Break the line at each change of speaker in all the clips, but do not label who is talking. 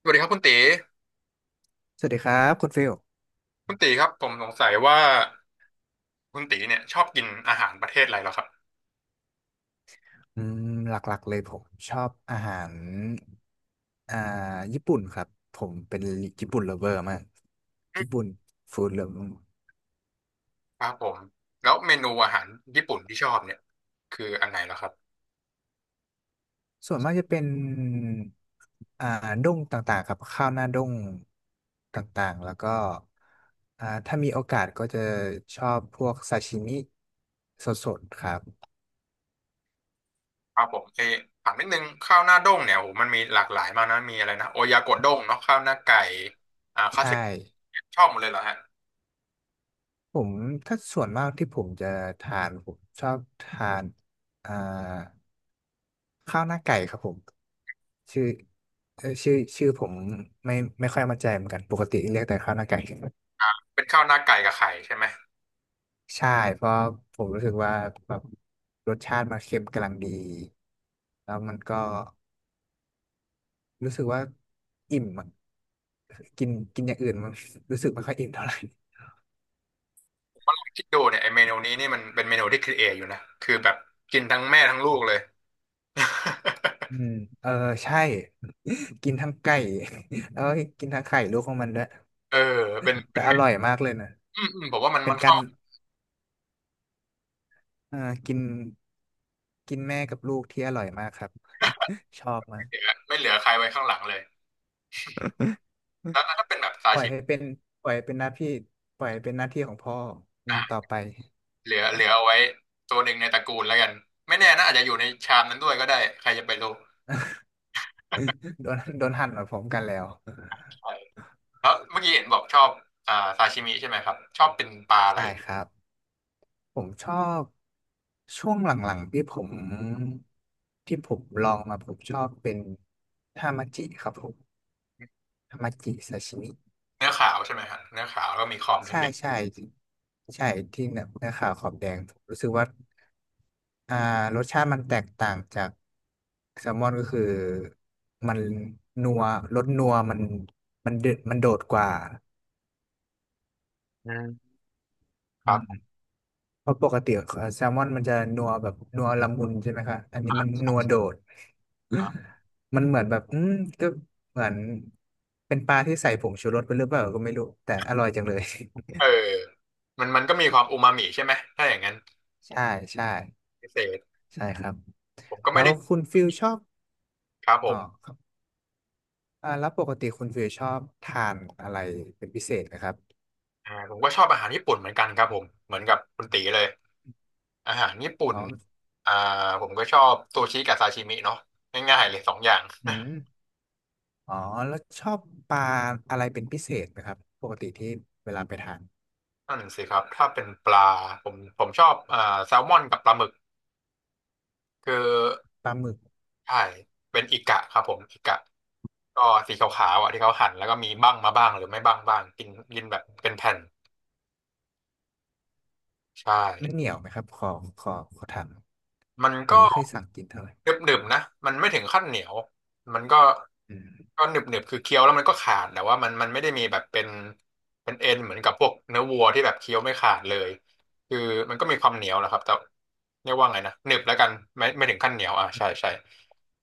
สวัสดีครับคุณตี
สวัสดีครับคุณฟิล
คุณตีครับผมสงสัยว่าคุณตีเนี่ยชอบกินอาหารประเทศอะไรเหรอครับ
อืมหลักๆเลยผมชอบอาหารอ่าญี่ปุ่นครับผมเป็นญี่ปุ่น l o เ e อร์มากญี่ปุ่นฟู้ดเลฟ
ครับผมแล้วเมนูอาหารญี่ปุ่นที่ชอบเนี่ยคืออันไหนเหรอครับ
ส่วนมากจะเป็นอ่าด้งต่างๆครับข้าวหน้าด้งต่างๆแล้วก็ถ้ามีโอกาสก็จะชอบพวกซาชิมิสดๆครับ
ครับผมเออถามนิดนึงข้าวหน้าด้งเนี่ยโอ้โหมันมีหลากหลายมากนะมีอะไรนะโอยากโดด้งเนาะข้าวหน้าไก่ข้าว
ใช่
เสร็จชอบหมดเลยเหรอฮะ
ผมถ้าส่วนมากที่ผมจะทานผมชอบทานอ่าข้าวหน้าไก่ครับผม ชื่อชื่อผมไม่ค่อยมั่นใจเหมือนกันปกติเรียกแต่ข้าวหน้าไก่
เป็นข้าวหน้าไก่กับไข่ใช่ไหม
ใช่เพราะผมรู้สึกว่าแบบรสชาติมันเค็มกำลังดีแล้วมันก็รู้สึกว่าอิ่มอะกินกินอย่างอื่นมัน รู้สึกไม่ค่อยอิ่มเท่าไหร่
คิดดูเนี่ยไอเมนูนี้นี่มันเป็นเมนูที่ครีเอทอยู่นะคือแบบกินทั้งแม่ทั้งลูกเลย
อืมเออใช่ กินทั้งไก่ แล้วก็กินทั้งไข่ลูกของมันด้วย
เออเป็น
แต่
เป็น
อ
เมนู
ร่อยมากเลยนะ
อืมอืมผมว่ามัน
เป็
มั
น
น
กา
เข้า
รเออกินกินแม่กับลูกที่อร่อยมากครับ ชอบมาก
เหลือไม่เหลือใครไว้ข้างหลังเลยแล้วถ้าเป็นแบบซา
ปล่อย
ชิมิ
ให้เป็นปล่อยให้เป็นหน้าที่ปล่อยให้เป็นหน้าที่ของพ่ออืมต่อ
อ่ะ
ไป
เหลือเอาไว้ตัวหนึ่งในตระกูลแล้วกัน ไม่แน่นะอาจจะอยู่ในชามนั้นด้วยก็ได้ใครจะไปรู้
โดนหั่นเหมือนผมกันแล้ว
ใช่แล้วเมื่อกี้เห็นบอกชอบซาชิมิใช่ไหมครับ ชอบเป็นปลาอะไร
ใช่
เหรอ
ครับผมชอบช่วงหลังๆที่ผมลองมาผมชอบเป็นทามาจิครับผมทามาจิซาชิมิ
เนื้อขาวใช่ไหมฮะเนื้อขาวแล้วก็มีขอบ
ใช่
แดง
ใช่ใช่ที่เนื้อขาวขอบแดงผมรู้สึกว่าอ่ารสชาติมันแตกต่างจากแซลมอนก็คือมันนัวรสนัวมันเดดมันโดดกว่า
ๆอืมๆค
อื
รั
ม
บ
เพราะปกติแซลมอนมันจะนัวแบบนัวละมุนใช่ไหมคะอันนี้มันนัวโดด
อ่า
มันเหมือนแบบอืมก็เหมือนเป็นปลาที่ใส่ผงชูรสไปหรือเปล่าก็ไม่รู้แต่อร่อยจังเลย
เออมันก็มีความอูมามิใช่ไหม ถ้าอย่างนั้น
ใช่ใช่
พิเศษ
ใช่ครับ
ผมก็
แล้
ไม่
ว
ได้
คุณฟิลชอบ
ครับผ
อ๋อ
ม
ครับแล้วปกติคุณฟิลชอบทานอะไรเป็นพิเศษนะครับ
ผมก็ชอบอาหารญี่ปุ่นเหมือนกันครับผมเหมือนกับคุณตีเลย อาหารญี่ปุ่น
อ๋อ
อ่าผมก็ชอบซูชิกับซาชิมิเนาะง่ายๆเลยสองอย่าง
อืมอ๋อแล้วชอบปลาอะไรเป็นพิเศษไหมครับปกติที่เวลาไปทาน
นั่นสิครับถ้าเป็นปลาผมชอบแซลมอนกับปลาหมึกคือ
ปลาหมึก
ใช่เป็นอิกะครับผมอิกะก็สีขาวๆอ่ะที่เขาหั่นแล้วก็มีบ้างมาบ้างหรือไม่บ้างบ้างกินกินแบบเป็นแผ่นใช่
มันเหนียวไหมครับขอขอถาม
มัน
ผม
ก็
ไม่เคยสั่งกินเท่าไหร่
หนึบๆนะมันไม่ถึงขั้นเหนียวมันก็
อืม
ก็หนึบๆคือเคี้ยวแล้วมันก็ขาดแต่ว่ามันมันไม่ได้มีแบบเป็นเอ็นเหมือนกับพวกเนื้อวัวที่แบบเคี้ยวไม่ขาดเลยคือมันก็มีความเหนียวแหละครับแต่เรียกว่าไงนะหนึบแล้วกันไม่ถึงขั้นเหนียวอ่ะใช่ใช่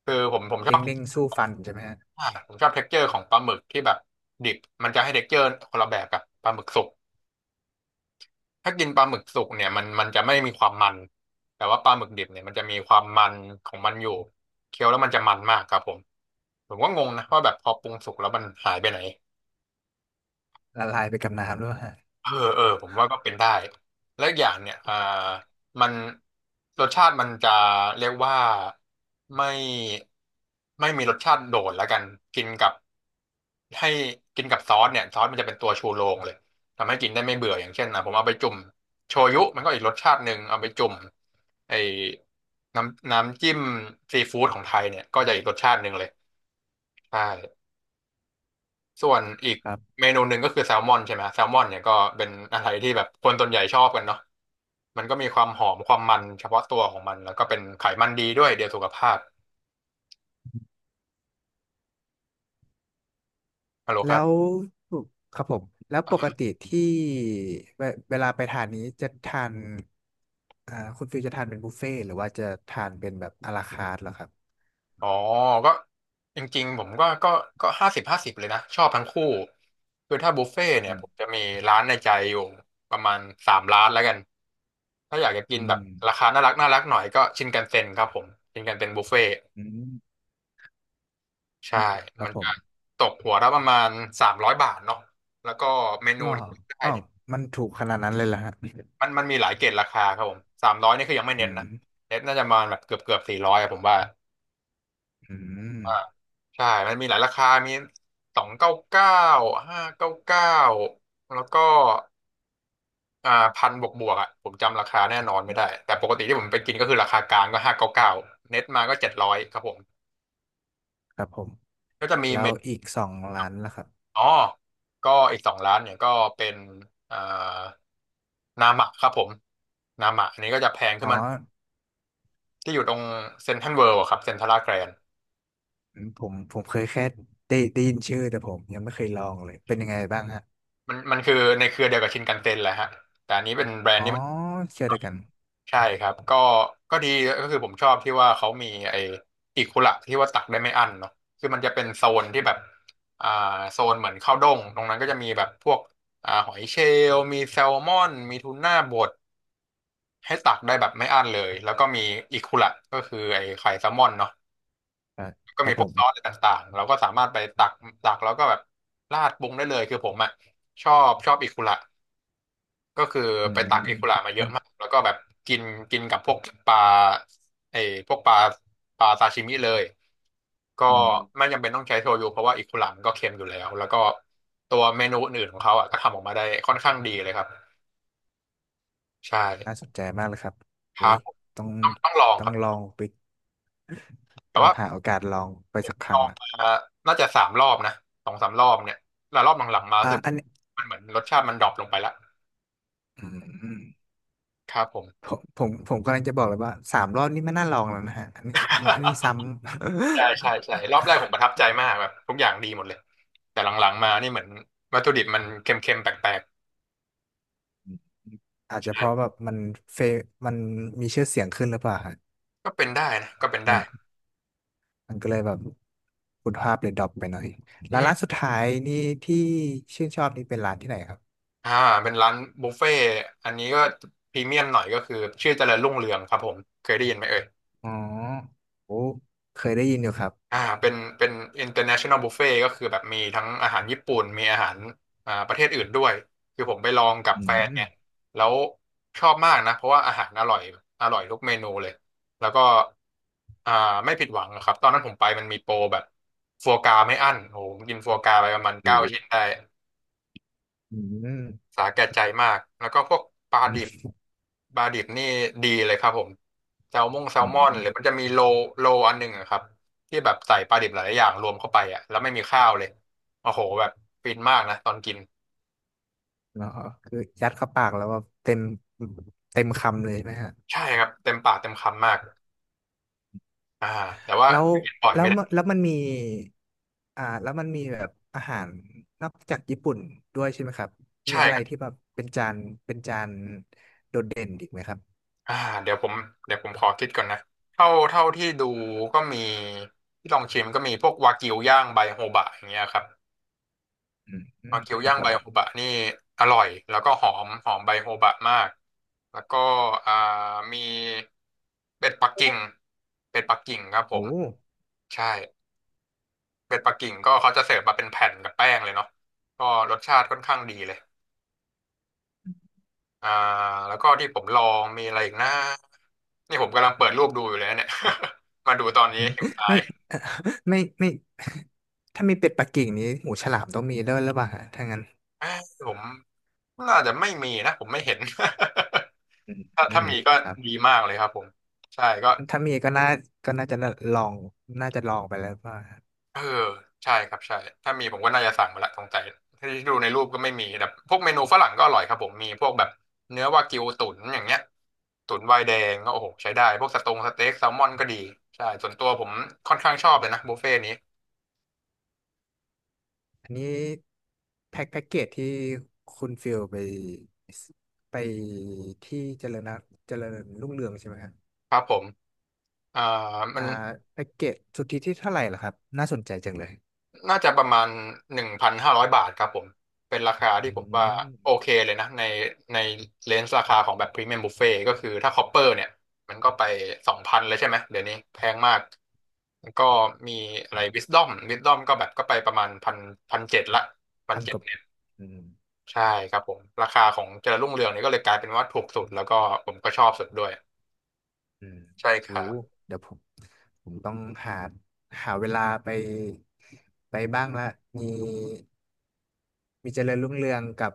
คือผมชอ
เด้ง
บ
เด้งสู้ฟันใช่ไหมฮะ
ผมชอบเท็กเจอร์ของปลาหมึกที่แบบดิบมันจะให้เท็กเจอร์คนละแบบกับปลาหมึกสุก ถ้ากินปลาหมึกสุกเนี่ยมันจะไม่มีความมันแต่ว่าปลาหมึกดิบเนี่ยมันจะมีความมันของมันอยู่เคี้ยวแล้วมันจะมันมากครับผมผมก็งงนะว่าแบบพอปรุงสุกแล้วมันหายไปไหน
ละลายไปกับน้ำด้วยฮะ
เออเออผมว่าก็เป็นได้แล้วอกอย่างเนี่ยมันรสชาติมันจะเรียกว่าไม่ไม่มีรสชาติโดดแล้วกันกินกับให้กินกับซอสเนี่ยซอสมันจะเป็นตัวชูโรงเลยทำให้กินได้ไม่เบื่ออย่างเช่นนะผมเอาไปจุ่มโชยุมันก็อีกรสชาติหนึ่งเอาไปจุ่มไอ้น้ำจิ้มซีฟู้ดของไทยเนี่ยก็จะอีกรสชาติหนึ่งเลยใช่ ส่วนอีก
ครับ
เมนูหนึ่งก็คือแซลมอนใช่ไหมแซลมอนเนี่ยก็เป็นอะไรที่แบบคนส่วนใหญ่ชอบกันเนาะมันก็มีความหอมความมันเฉพาะตัวของมันแล้วก็เป็นไขมันดีด้วยเดียวสุขภาพฮัลโหลครั
แล้
บ
วครับผมแล้วปกติที่เวลาไปทานนี้จะทานคุณฟิลจะทานเป็นบุฟเฟ่ต์หรือว่าจะทานเป็นแบบอะลาคาร์ทเหรอครับ
อ๋อก็จริงๆผมก็ก็50/50เลยนะชอบทั้งคู่คือถ้าบุฟเฟ่ต์เนี่
อื
ย
ม
ผมจะมีร้านในใจอยู่ประมาณสามร้านแล้วกันถ้าอยากจะกิน
อื
แบบ
ม
ราคาน่ารักน่ารักหน่อยก็ชินคันเซ็นครับผมชินคันเซ็นบุฟเฟ่ต์
อืม
ใช่
ครั
มั
บ
น
ผ
จะ
ม
ตกหัวละประมาณ300 บาทเนาะแล้วก็เม
ห
นู
รอ
ที่ได้
อ๋อ
เนี่ย
มันถูกขนาดนั้นเลยเหรอฮะ
มันมีหลายเกรดราคาครับผมสามร้อยนี่คือยังไม่
อื
เน้น
ม
นะเน้นน่าจะประมาณแบบเกือบ400ผมว่า
อืม
ว่าใช่มันมีหลายราคามี299ห้าเก้าเก้าแล้วก็อ่าพันบวกอ่ะผมจำราคาแน่นอนไม่ได้แต่ปกติที่ผมไปกินก็คือราคากลางก็ห้าเก้าเก้าเน็ตมาก็700ครับผม
ครับผม
ก็จะมี
แล้
เม
วอีกสองร้านล่ะครับ
อ๋อก็อีกสองร้านเนี่ยก็เป็นเอ่อนามะครับผมนามะอันนี้ก็จะแพงขึ้น
อ๋อ
มาที่อยู่ตรงเซ็นทรัลเวิลด์ะครับเซ็นทรัลลาดแกรน
อืมผมเคยแค่ได้ยินชื่อแต่ผมยังไม่เคยลองเลยเป็นยังไงบ้างฮะ
มันคือในเครือเดียวกับชินคันเซ็นแหละฮะแต่อันนี้เป็นแบรน
อ๋
ด์
อ
ที่มัน
เชื่อเด้วยวกัน
ใช่ครับก็ก็ดีก็คือผมชอบที่ว่าเขามีไอ้อิคุระที่ว่าตักได้ไม่อั้นเนาะคือมันจะเป็นโซนที่แบบอ่าโซนเหมือนข้าวด้งตรงนั้นก็จะมีแบบพวกหอยเชลล์มีแซลมอนมีทูน่าบด ให้ตักได้แบบไม่อั้นเลยแล้วก็มีอิคุระก็คือไอ้ไข่แซลมอนเนาะ
ครับ
ก็
ครั
มี
บ
พ
ผ
วก
ม
ซอสอะไรต่างๆเราก็สามารถไปตักแล้วก็แบบราดปรุงได้เลยคือผมอ่ะชอบอิคุระก็คือ
อื
ไปตักอิ
ม
คุระมาเย
มั
อะ
น
มากแล้วก็แบบกินกินกับพวกปลาไอ้พวกปลาซาชิมิเลยก็
อืม
ไม่จำเป็นต้องใช้โชยุเพราะว่าอิคุระมันก็เค็มอยู่แล้วแล้วก็ตัวเมนูอื่นๆของเขาอ่ะก็ทำออกมาได้ค่อนข้างดีเลยครับใช่
น่าสนใจมากเลยครับ
ค
อุ้
รั
ย
บผม
ต้อง
ต้องลองครั
ลอ
บ
งไป
แต่
ต้อง
ว่า
หาโอกาสลองไปสักค
ล
รั้
อ
ง
ง
ละ
มาน่าจะ3 รอบนะ2-3 รอบเนี่ยแล้วรอบหลังๆมารู้สึก
อันนี้
มันเหมือนรสชาติมันดรอปลงไปละ
อืม
ครับผม
ผมกำลังจะบอกเลยว่าสามรอบนี่ไม่น่าลองแล้วนะฮะอันนี้ซ้ำ
ใช่ใช่ใช่รอบแรกผมประทับใจมากแบบทุกอย่างดีหมดเลย แต่หลังๆมานี่เหมือนวัตถุดิบมันเค็มๆแปลก
อาจจะเพราะแบบมันเฟมันมีชื่อเสียงขึ้นหรือเปล่าฮะ
ๆก็เป็นได้นะก็เป็น
มั
ได้
น มันก็เลยแบบคุณภาพเลยดรอปไปหน่อย
อื
ร้าน
ม
สุดท้ายนี่ที่ชื่นชอบนี่เป็นร้านที่ไหนครับ
อ่าเป็นร้านบุฟเฟ่ต์อันนี้ก็พรีเมียมหน่อยก็คือชื่อเจริญรุ่งเรืองครับผมเคยได้ยินไหมเอ่ย
อ๋อโอ้เคยได้ยินอยู่ครับ
เป็น international buffet ก็คือแบบมีทั้งอาหารญี่ปุ่นมีอาหารประเทศอื่นด้วยคือผมไปลองกับ
อื
แฟนเนี่
ม
ยแล้วชอบมากนะเพราะว่าอาหารอร่อยอร่อยทุกเมนูเลยแล้วก็อ่าไม่ผิดหวังนะครับตอนนั้นผมไปมันมีโปรแบบฟัวกราไม่อั้นโอ้โหผมกินฟัวกราไปประมาณเก้า
โอ้
ชิ้นได้
อืม
สาแก่ใจมากแล้วก็พวกปลา
อื
ดิบ
ม
ปลาดิบนี่ดีเลยครับผมแซลมงแซล
อื
มอนหรื
ม
อมันจะมีโลอันหนึ่งอะครับที่แบบใส่ปลาดิบหลายๆอย่างรวมเข้าไปอะแล้วไม่มีข้าวเลยโอ้โหแบบฟินมากนะตอนกิน
เนาะคือยัดเข้าปากแล้วว่าเต็มคำเลยใช่ไหมฮะ
ใช่ครับเต็มปากเต็มคำมากอ่าแต่ว่า
แล้ว
กินบ่อย
แล้ว
ไม่
มัน
ได้
แล้วมันมีแล้วมันมีแบบอาหารนอกจากญี่ปุ่นด้วยใช่ไหมครับมี
ใช่
อะไร
ครับ
ที่แบบเป็นจานเป็นจานโดดเด่นอีกไหมครับ
อ่าเดี๋ยวผมเดี๋ยวผมขอคิดก่อนนะเท่าที่ดูก็มีที่ลองชิมก็มีพวกวากิวย่างใบโฮบะอย่างเงี้ยครับ
อืมอื
วา
ม
กิว
ครับ
ย่าง
ผ
ใบ
ม
โฮบะนี่อร่อยแล้วก็หอมหอมใบโฮบะมากแล้วก็อ่ามีเป็ดปักกิ่งเป็ดปักกิ่งครับผ
โอ้
มใช่เป็ดปักกิ่งก็เขาจะเสิร์ฟมาเป็นแผ่นกับแป้งเลยเนาะก็รสชาติค่อนข้างดีเลยอ่าแล้วก็ที่ผมลองมีอะไรอีกนะนี่ผมกำลังเปิดรูปดูอยู่เลยนะเนี่ย มาดูตอนนี้หิวตา
ไม่
ย
ไม่ ถ้ามีเป็ดปักกิ่งนี้หูฉลามต้องมีด้วยหรือเปล่าฮะถ้างั้น
เอ้ยผมน่าจะไม่มีนะผมไม่เห็น
อืม
ถ้า
อื
ถ้า
ม
มีก็
ครั
ดี
บ
มากเลยครับผมใช่ก็
ถ้ามีก็น่าจะลองน่าจะลองไปแล้วว่า
เออใช่ครับใช่ถ้ามีผมก็น่าจะสั่งมาละสงสัยที่ดูในรูปก็ไม่มีแต่พวกเมนูฝรั่งก็อร่อยครับผมมีพวกแบบเนื้อวากิวตุ๋นอย่างเงี้ยตุ๋นไวน์แดงก็โอ้โหใช้ได้พวกสตงสเต็กแซลมอนก็ดีใช่ส่วนตัวผมค่อนข้างชอบเลยนะบุฟเฟ่ต์นี้
อันนี้แพ็คแพ็กเกจที่คุณฟิลไปไปที่เจริญนะเจริญรุ่งเรืองใช่ไหมครับ
ครับผมอ่ามั
อ่า
น
แพ็กเกจสุทธิที่เท่าไหร่ล่ะครับน่าสนใจจังเลย
น่าจะประมาณ1,500 บาทครับผมเป็นราคาที่
อื
ผมว่า
ม
โอเคเลยนะในในเลนส์ราคาของแบบพรีเมียมบุฟเฟ่ก็คือถ้าคอปเปอร์เนี่ยมันก็ไป2,000เลยใช่ไหมเดี๋ยวนี้แพงมากแล้วก็มีอะ
ค
ไร
รับ
วิสดอมก็แบบก็ไปประมาณพันเจ็ดละพัน
พัน
เจ็
ก
ด
ว่า
เนี่ย
อืม
ใช่ครับผมราคาของเจริญรุ่งเรืองเนี่ยก็เลยกลายเป็นว่าถูกสุดแล้วก็ผมก็ชอบสุดด้วย
อืม
ใช่ค
โอ้
รับ
เดี๋ยวผมต้องหาเวลาไปบ้างละมีเจริญรุ่งเรืองกับ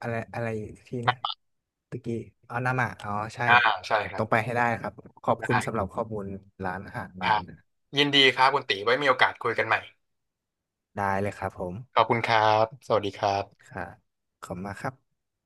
อะไรอะไรที่นะตะกี้อ๋อนามาอ๋อใช่
อ่าใช่
ผ
ค
ม
รั
ต้
บ
องไปให้ได้ครับขอบคุณ
ได้
สำหรับข้อมูลร้านอาหาร
ค
มาก
รั
เล
บ
ยนะ
ยินดีครับคุณตีไว้มีโอกาสคุยกันใหม่
ได้เลยครับผม
ขอบคุณครับ สวัสดีครับ
ค่ะขอบคุณมากครับ